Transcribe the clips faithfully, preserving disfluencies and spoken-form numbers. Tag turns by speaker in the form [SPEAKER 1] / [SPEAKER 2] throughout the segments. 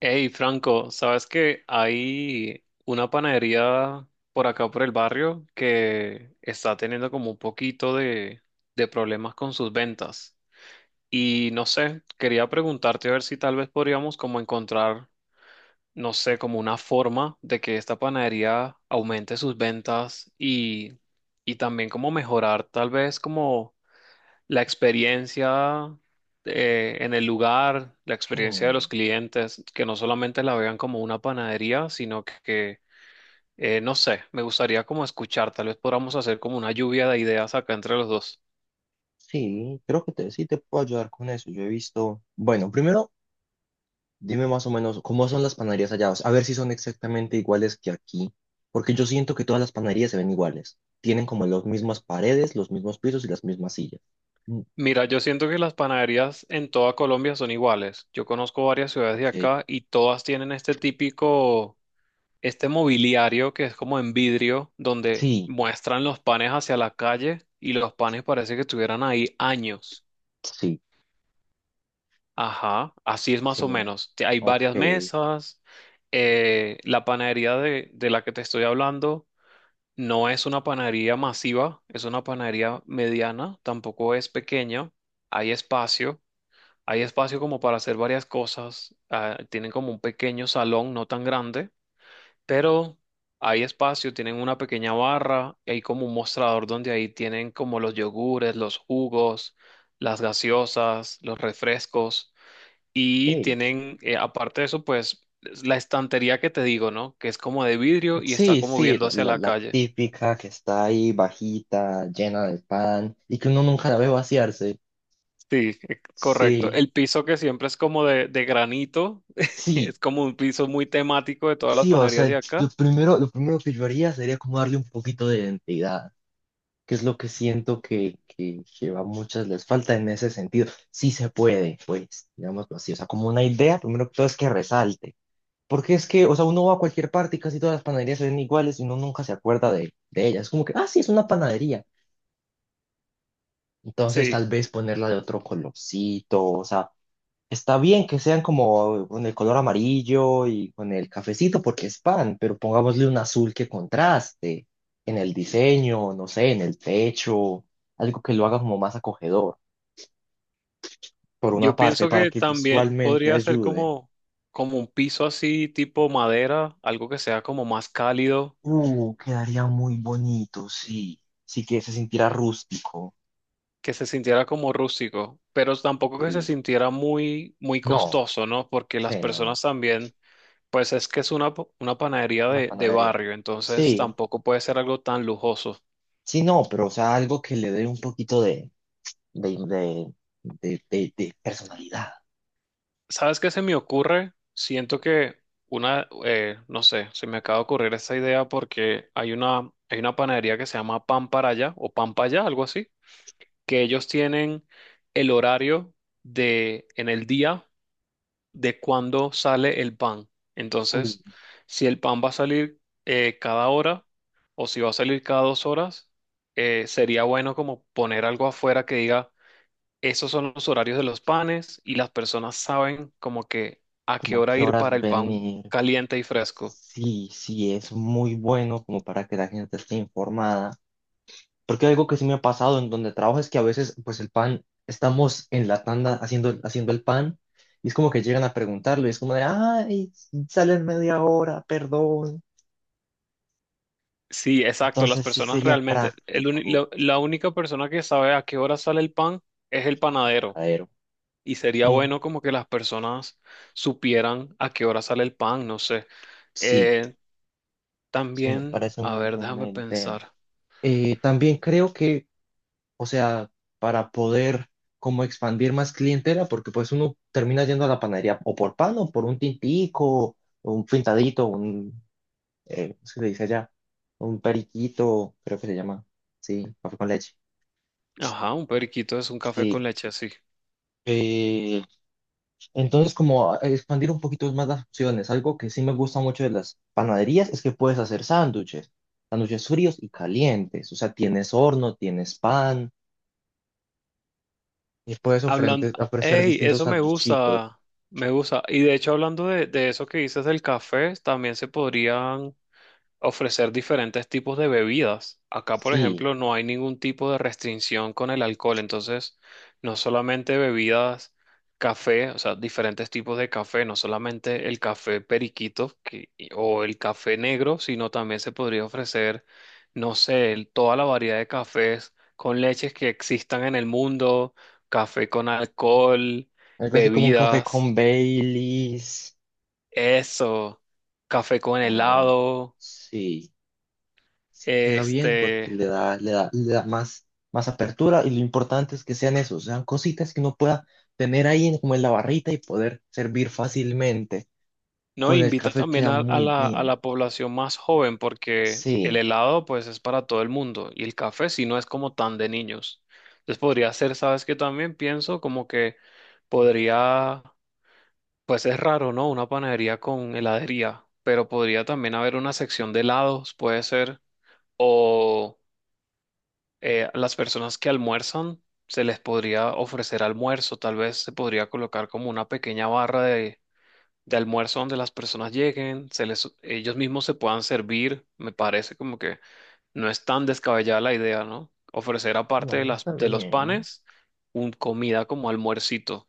[SPEAKER 1] Hey Franco, ¿sabes que hay una panadería por acá por el barrio que está teniendo como un poquito de, de problemas con sus ventas? Y no sé, quería preguntarte a ver si tal vez podríamos como encontrar, no sé, como una forma de que esta panadería aumente sus ventas y, y también como mejorar tal vez como la experiencia eh, en el lugar, la experiencia de
[SPEAKER 2] Oh,
[SPEAKER 1] los clientes, que no solamente la vean como una panadería, sino que, eh, no sé, me gustaría como escuchar, tal vez podamos hacer como una lluvia de ideas acá entre los dos.
[SPEAKER 2] sí, creo que te, sí te puedo ayudar con eso. Yo he visto, bueno, primero dime más o menos cómo son las panaderías allá, o sea, a ver si son exactamente iguales que aquí, porque yo siento que todas las panaderías se ven iguales. Tienen como las mismas paredes, los mismos pisos y las mismas sillas. Mm,
[SPEAKER 1] Mira, yo siento que las panaderías en toda Colombia son iguales. Yo conozco varias ciudades de
[SPEAKER 2] ok,
[SPEAKER 1] acá y todas tienen este típico, este mobiliario que es como en vidrio, donde
[SPEAKER 2] sí,
[SPEAKER 1] muestran los panes hacia la calle y los panes parece que estuvieran ahí años.
[SPEAKER 2] sí,
[SPEAKER 1] Ajá, así es más o
[SPEAKER 2] sí,
[SPEAKER 1] menos. Te- Hay
[SPEAKER 2] ok.
[SPEAKER 1] varias mesas. Eh, la panadería de, de la que te estoy hablando no es una panadería masiva, es una panadería mediana, tampoco es pequeña. Hay espacio, hay espacio como para hacer varias cosas. Ah, tienen como un pequeño salón, no tan grande, pero hay espacio, tienen una pequeña barra, hay como un mostrador donde ahí tienen como los yogures, los jugos, las gaseosas, los refrescos. Y
[SPEAKER 2] Ok.
[SPEAKER 1] tienen, eh, aparte de eso, pues la estantería que te digo, ¿no? Que es como de vidrio y está
[SPEAKER 2] Sí,
[SPEAKER 1] como
[SPEAKER 2] sí,
[SPEAKER 1] viendo
[SPEAKER 2] la,
[SPEAKER 1] hacia
[SPEAKER 2] la,
[SPEAKER 1] la
[SPEAKER 2] la
[SPEAKER 1] calle.
[SPEAKER 2] típica que está ahí bajita, llena de pan y que uno nunca la ve vaciarse.
[SPEAKER 1] Sí, eh, correcto.
[SPEAKER 2] Sí,
[SPEAKER 1] El piso que siempre es como de, de, granito,
[SPEAKER 2] sí.
[SPEAKER 1] es como un piso muy temático de todas las
[SPEAKER 2] Sí, o
[SPEAKER 1] panaderías de
[SPEAKER 2] sea, lo
[SPEAKER 1] acá.
[SPEAKER 2] primero, lo primero que yo haría sería como darle un poquito de identidad, que es lo que siento que, que, que a muchas les falta en ese sentido. Sí se puede, pues, digámoslo así, o sea, como una idea, primero que todo es que resalte, porque es que, o sea, uno va a cualquier parte y casi todas las panaderías se ven iguales y uno nunca se acuerda de, de ellas, es como que, ah, sí, es una panadería. Entonces,
[SPEAKER 1] Sí,
[SPEAKER 2] tal vez ponerla de otro colorcito, o sea, está bien que sean como con el color amarillo y con el cafecito porque es pan, pero pongámosle un azul que contraste en el diseño, no sé, en el techo, algo que lo haga como más acogedor, por una
[SPEAKER 1] yo
[SPEAKER 2] parte,
[SPEAKER 1] pienso
[SPEAKER 2] para
[SPEAKER 1] que
[SPEAKER 2] que
[SPEAKER 1] también
[SPEAKER 2] visualmente
[SPEAKER 1] podría ser
[SPEAKER 2] ayude.
[SPEAKER 1] como, como un piso así tipo madera, algo que sea como más cálido,
[SPEAKER 2] Uh, quedaría muy bonito, sí. Sí que se sintiera rústico.
[SPEAKER 1] que se sintiera como rústico, pero tampoco que se
[SPEAKER 2] Sí.
[SPEAKER 1] sintiera muy, muy
[SPEAKER 2] No,
[SPEAKER 1] costoso, ¿no? Porque las
[SPEAKER 2] sí, no, no.
[SPEAKER 1] personas también. Pues es que es una, pa- una panadería
[SPEAKER 2] Una
[SPEAKER 1] de, de
[SPEAKER 2] panadería.
[SPEAKER 1] barrio, entonces
[SPEAKER 2] Sí,
[SPEAKER 1] tampoco puede ser algo tan lujoso.
[SPEAKER 2] sí, no, pero o sea, algo que le dé un poquito de, de, de, de, de de personalidad.
[SPEAKER 1] ¿Sabes qué se me ocurre? Siento que una, eh, no sé, se me acaba de ocurrir esa idea porque hay una, hay una panadería que se llama Pan para allá o Pan para allá, algo así, que ellos tienen el horario de en el día, de cuándo sale el pan.
[SPEAKER 2] Uh,
[SPEAKER 1] Entonces, si el pan va a salir, eh, cada hora o si va a salir cada dos horas, eh, sería bueno como poner algo afuera que diga, esos son los horarios de los panes y las personas saben como que a qué
[SPEAKER 2] ¿Como a
[SPEAKER 1] hora
[SPEAKER 2] qué
[SPEAKER 1] ir para
[SPEAKER 2] horas
[SPEAKER 1] el pan
[SPEAKER 2] venir?
[SPEAKER 1] caliente y fresco.
[SPEAKER 2] Sí, sí, es muy bueno como para que la gente esté informada. Porque algo que sí me ha pasado en donde trabajo es que a veces, pues el pan, estamos en la tanda haciendo, haciendo el pan y es como que llegan a preguntarlo y es como de, ay, sale en media hora, perdón.
[SPEAKER 1] Sí, exacto, las
[SPEAKER 2] Entonces sí
[SPEAKER 1] personas
[SPEAKER 2] sería
[SPEAKER 1] realmente, el uni-
[SPEAKER 2] práctico.
[SPEAKER 1] lo- la única persona que sabe a qué hora sale el pan es el
[SPEAKER 2] Sí,
[SPEAKER 1] panadero.
[SPEAKER 2] majadero.
[SPEAKER 1] Y sería
[SPEAKER 2] Mm,
[SPEAKER 1] bueno como que las personas supieran a qué hora sale el pan, no sé.
[SPEAKER 2] sí,
[SPEAKER 1] Eh,
[SPEAKER 2] sí, me
[SPEAKER 1] también,
[SPEAKER 2] parece
[SPEAKER 1] a
[SPEAKER 2] muy
[SPEAKER 1] ver,
[SPEAKER 2] buena
[SPEAKER 1] déjame
[SPEAKER 2] idea.
[SPEAKER 1] pensar.
[SPEAKER 2] Eh, también creo que, o sea, para poder como expandir más clientela, porque pues uno termina yendo a la panadería o por pan o por un tintico, o un pintadito, un, eh, ¿cómo se le dice allá? Un periquito, creo que se llama, sí, café con leche,
[SPEAKER 1] Ajá, un periquito es un café
[SPEAKER 2] sí.
[SPEAKER 1] con leche, así.
[SPEAKER 2] Eh, entonces, como a- expandir un poquito más las opciones, algo que sí me gusta mucho de las panaderías es que puedes hacer sándwiches, sándwiches fríos y calientes, o sea, tienes horno, tienes pan, y puedes
[SPEAKER 1] Hablando,
[SPEAKER 2] ofrente- ofrecer
[SPEAKER 1] hey
[SPEAKER 2] distintos
[SPEAKER 1] Eso me
[SPEAKER 2] sanduchitos.
[SPEAKER 1] gusta, me gusta. Y de hecho, hablando de, de eso que dices del café, también se podrían ofrecer diferentes tipos de bebidas. Acá, por
[SPEAKER 2] Sí,
[SPEAKER 1] ejemplo, no hay ningún tipo de restricción con el alcohol, entonces no solamente bebidas, café, o sea, diferentes tipos de café, no solamente el café periquito que- y- o el café negro, sino también se podría ofrecer, no sé, el- toda la variedad de cafés con leches que existan en el mundo, café con alcohol,
[SPEAKER 2] algo así como un café
[SPEAKER 1] bebidas,
[SPEAKER 2] con Baileys.
[SPEAKER 1] eso, café con
[SPEAKER 2] o-
[SPEAKER 1] helado.
[SPEAKER 2] sí, sí queda bien porque
[SPEAKER 1] Este,
[SPEAKER 2] le da, le da, le da más, más, apertura y lo importante es que sean esos, sean cositas que uno pueda tener ahí en- como en la barrita y poder servir fácilmente.
[SPEAKER 1] No,
[SPEAKER 2] Con el
[SPEAKER 1] invita
[SPEAKER 2] café
[SPEAKER 1] también
[SPEAKER 2] queda
[SPEAKER 1] a, a
[SPEAKER 2] muy
[SPEAKER 1] la, a
[SPEAKER 2] bien.
[SPEAKER 1] la población más joven porque el
[SPEAKER 2] Sí,
[SPEAKER 1] helado pues es para todo el mundo y el café si no es como tan de niños. Entonces podría ser, sabes que también pienso como que podría, pues es raro, ¿no? Una panadería con heladería, pero podría también haber una sección de helados, puede ser, o eh, las personas que almuerzan, se les podría ofrecer almuerzo, tal vez se podría colocar como una pequeña barra de almuerzo donde las personas lleguen, se les, ellos mismos se puedan servir. Me parece como que no es tan descabellada la idea, ¿no? Ofrecer aparte de
[SPEAKER 2] no,
[SPEAKER 1] las,
[SPEAKER 2] está
[SPEAKER 1] de los
[SPEAKER 2] bien.
[SPEAKER 1] panes, un comida como almuercito.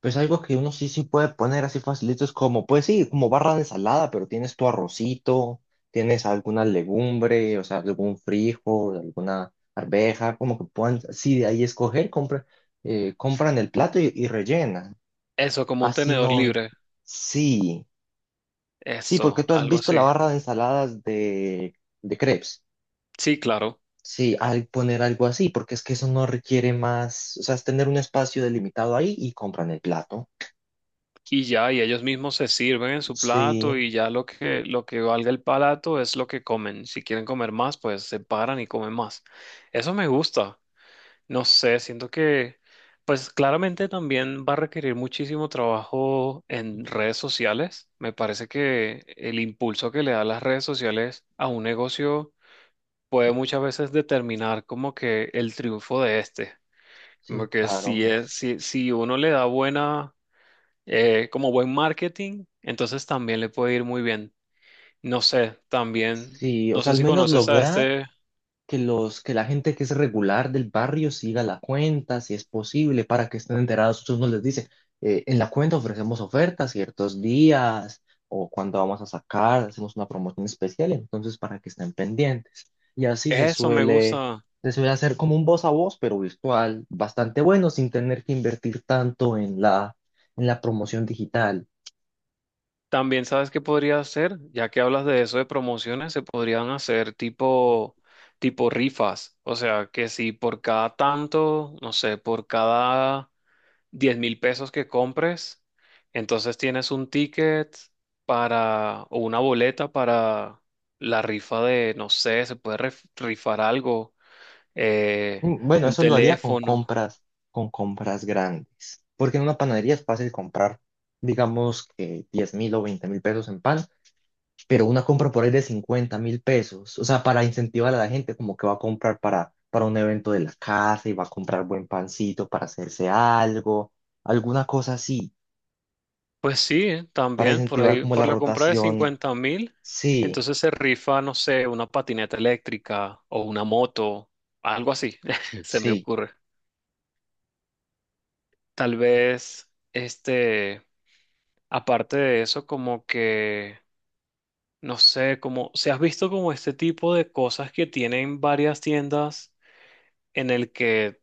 [SPEAKER 2] Pues algo que uno sí sí puede poner así facilitos como, pues sí, como barra de ensalada, pero tienes tu arrocito, tienes alguna legumbre, o sea, algún frijol, alguna arveja, como que puedan, sí, de ahí escoger, compra, eh, compran el plato y, y rellenan.
[SPEAKER 1] Eso, como un
[SPEAKER 2] Así
[SPEAKER 1] tenedor
[SPEAKER 2] no,
[SPEAKER 1] libre.
[SPEAKER 2] sí, sí, porque
[SPEAKER 1] Eso,
[SPEAKER 2] tú has
[SPEAKER 1] algo
[SPEAKER 2] visto la
[SPEAKER 1] así.
[SPEAKER 2] barra de ensaladas de, de crepes.
[SPEAKER 1] Sí, claro.
[SPEAKER 2] Sí, al poner algo así, porque es que eso no requiere más, o sea, es tener un espacio delimitado ahí y compran el plato.
[SPEAKER 1] Y ya, y ellos mismos se sirven en su plato
[SPEAKER 2] Sí.
[SPEAKER 1] y ya lo que, lo que valga el palato es lo que comen. Si quieren comer más, pues se paran y comen más. Eso me gusta. No sé, siento que, pues claramente también va a requerir muchísimo trabajo en redes sociales. Me parece que el impulso que le da las redes sociales a un negocio puede muchas veces determinar como que el triunfo de este.
[SPEAKER 2] Sí,
[SPEAKER 1] Como que
[SPEAKER 2] claro.
[SPEAKER 1] si es,
[SPEAKER 2] es-
[SPEAKER 1] si, si uno le da buena, eh, como buen marketing, entonces también le puede ir muy bien. No sé, también,
[SPEAKER 2] Sí, o
[SPEAKER 1] no
[SPEAKER 2] sea,
[SPEAKER 1] sé
[SPEAKER 2] al
[SPEAKER 1] si
[SPEAKER 2] menos
[SPEAKER 1] conoces a
[SPEAKER 2] lograr
[SPEAKER 1] este.
[SPEAKER 2] que los, que la gente que es regular del barrio siga la cuenta, si es posible, para que estén enterados. Uno les dice, eh, en la cuenta ofrecemos ofertas ciertos días o cuando vamos a sacar, hacemos una promoción especial, entonces para que estén pendientes. Y así se
[SPEAKER 1] Eso me
[SPEAKER 2] suele,
[SPEAKER 1] gusta.
[SPEAKER 2] se suele hacer como un voz a voz, pero virtual, bastante bueno, sin tener que invertir tanto en la, en la promoción digital.
[SPEAKER 1] También sabes qué podría hacer, ya que hablas de eso de promociones, se podrían hacer tipo, tipo rifas. O sea, que si por cada tanto, no sé, por cada diez mil pesos que compres, entonces tienes un ticket para, o una boleta para la rifa de, no sé, se puede ref- rifar algo, eh,
[SPEAKER 2] Mm, bueno,
[SPEAKER 1] un
[SPEAKER 2] eso lo haría con
[SPEAKER 1] teléfono.
[SPEAKER 2] compras, con compras grandes, porque en una panadería es fácil comprar, digamos que diez mil o veinte mil pesos en pan, pero una compra por ahí de cincuenta mil pesos, o sea, para incentivar a la gente como que va a comprar para, para un evento de la casa y va a comprar buen pancito para hacerse algo, alguna cosa así,
[SPEAKER 1] Pues sí,
[SPEAKER 2] para
[SPEAKER 1] también por
[SPEAKER 2] incentivar
[SPEAKER 1] ahí,
[SPEAKER 2] como
[SPEAKER 1] por
[SPEAKER 2] la
[SPEAKER 1] la compra de
[SPEAKER 2] rotación.
[SPEAKER 1] cincuenta mil,
[SPEAKER 2] Sí,
[SPEAKER 1] entonces se rifa, no sé, una patineta eléctrica o una moto, algo así, se me
[SPEAKER 2] sí.
[SPEAKER 1] ocurre. Tal vez, este, aparte de eso, como que, no sé, como, ¿se has visto como este tipo de cosas que tienen varias tiendas en el que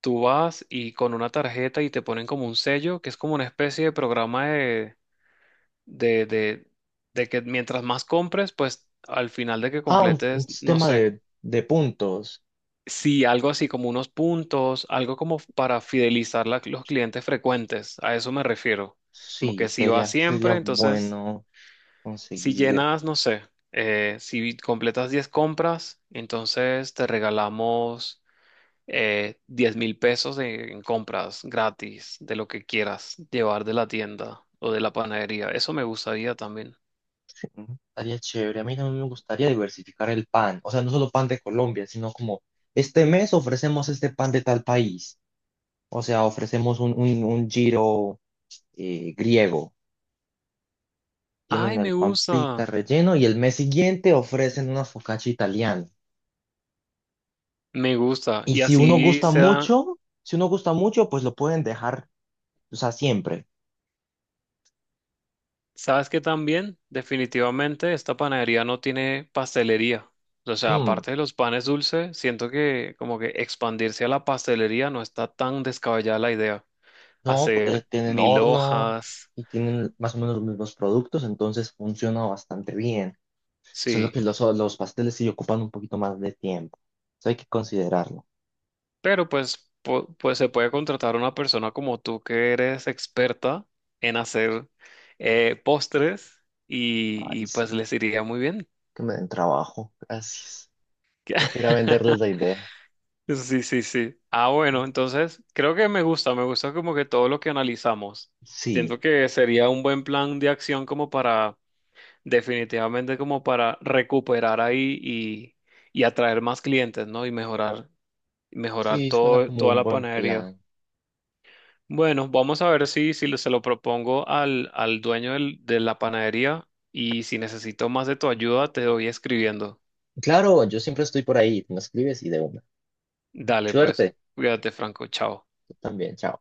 [SPEAKER 1] tú vas y con una tarjeta y te ponen como un sello, que es como una especie de programa de de, de, de que mientras más compres, pues al final de que
[SPEAKER 2] Ah, un,
[SPEAKER 1] completes,
[SPEAKER 2] un
[SPEAKER 1] no
[SPEAKER 2] sistema
[SPEAKER 1] sé,
[SPEAKER 2] de, de puntos.
[SPEAKER 1] sí, algo así como unos puntos, algo como para fidelizar la- los clientes frecuentes, a eso me refiero. Como
[SPEAKER 2] Sí,
[SPEAKER 1] que si vas
[SPEAKER 2] sería, sería
[SPEAKER 1] siempre, entonces
[SPEAKER 2] bueno
[SPEAKER 1] si
[SPEAKER 2] conseguir.
[SPEAKER 1] llenas, no sé, eh, si completas diez compras, entonces te regalamos... Eh, diez mil pesos en en compras gratis de lo que quieras llevar de la tienda o de la panadería. Eso me gustaría también.
[SPEAKER 2] Mm, estaría chévere. A mí también me gustaría diversificar el pan. O sea, no solo pan de Colombia, sino como este mes ofrecemos este pan de tal país. O sea, ofrecemos un, un, un giro eh, griego. Tienen
[SPEAKER 1] Ay,
[SPEAKER 2] el
[SPEAKER 1] me
[SPEAKER 2] pan pita
[SPEAKER 1] gusta.
[SPEAKER 2] relleno y el mes siguiente ofrecen una focaccia italiana.
[SPEAKER 1] Me gusta.
[SPEAKER 2] Y
[SPEAKER 1] Y
[SPEAKER 2] si uno
[SPEAKER 1] así
[SPEAKER 2] gusta
[SPEAKER 1] se dan.
[SPEAKER 2] mucho, si uno gusta mucho, pues lo pueden dejar, o sea, siempre.
[SPEAKER 1] ¿Sabes qué también? Definitivamente esta panadería no tiene pastelería. O sea,
[SPEAKER 2] Mm,
[SPEAKER 1] aparte de los panes dulces, siento que como que expandirse a la pastelería no está tan descabellada la idea.
[SPEAKER 2] no, porque
[SPEAKER 1] Hacer
[SPEAKER 2] tienen
[SPEAKER 1] mil
[SPEAKER 2] horno
[SPEAKER 1] hojas,
[SPEAKER 2] y tienen más o menos los mismos productos, entonces funciona bastante bien. Solo
[SPEAKER 1] sí.
[SPEAKER 2] que los, los pasteles sí ocupan un poquito más de tiempo. Eso hay que considerarlo.
[SPEAKER 1] Pero pues, po- pues se puede contratar a una persona como tú que eres experta en hacer, eh, postres, y,
[SPEAKER 2] Ay,
[SPEAKER 1] y pues
[SPEAKER 2] sí.
[SPEAKER 1] les iría muy bien.
[SPEAKER 2] Que me den trabajo. Gracias. Toca ir a venderles la idea.
[SPEAKER 1] Sí, sí, sí. Ah, bueno, entonces creo que me gusta, me gusta como que todo lo que analizamos.
[SPEAKER 2] Sí,
[SPEAKER 1] Siento que sería un buen plan de acción como para, definitivamente como para recuperar ahí y, y atraer más clientes, ¿no? Y mejorar, mejorar,
[SPEAKER 2] sí, suena
[SPEAKER 1] todo,
[SPEAKER 2] como
[SPEAKER 1] toda
[SPEAKER 2] un
[SPEAKER 1] la
[SPEAKER 2] buen
[SPEAKER 1] panadería.
[SPEAKER 2] plan.
[SPEAKER 1] Bueno, vamos a ver si, si lo- se lo propongo al, al dueño del- de la panadería y si necesito más de tu ayuda, te doy escribiendo.
[SPEAKER 2] Claro, yo siempre estoy por ahí. Me escribes y de una.
[SPEAKER 1] Dale, pues,
[SPEAKER 2] Suerte.
[SPEAKER 1] cuídate, Franco, chao.
[SPEAKER 2] Tú también. Chao.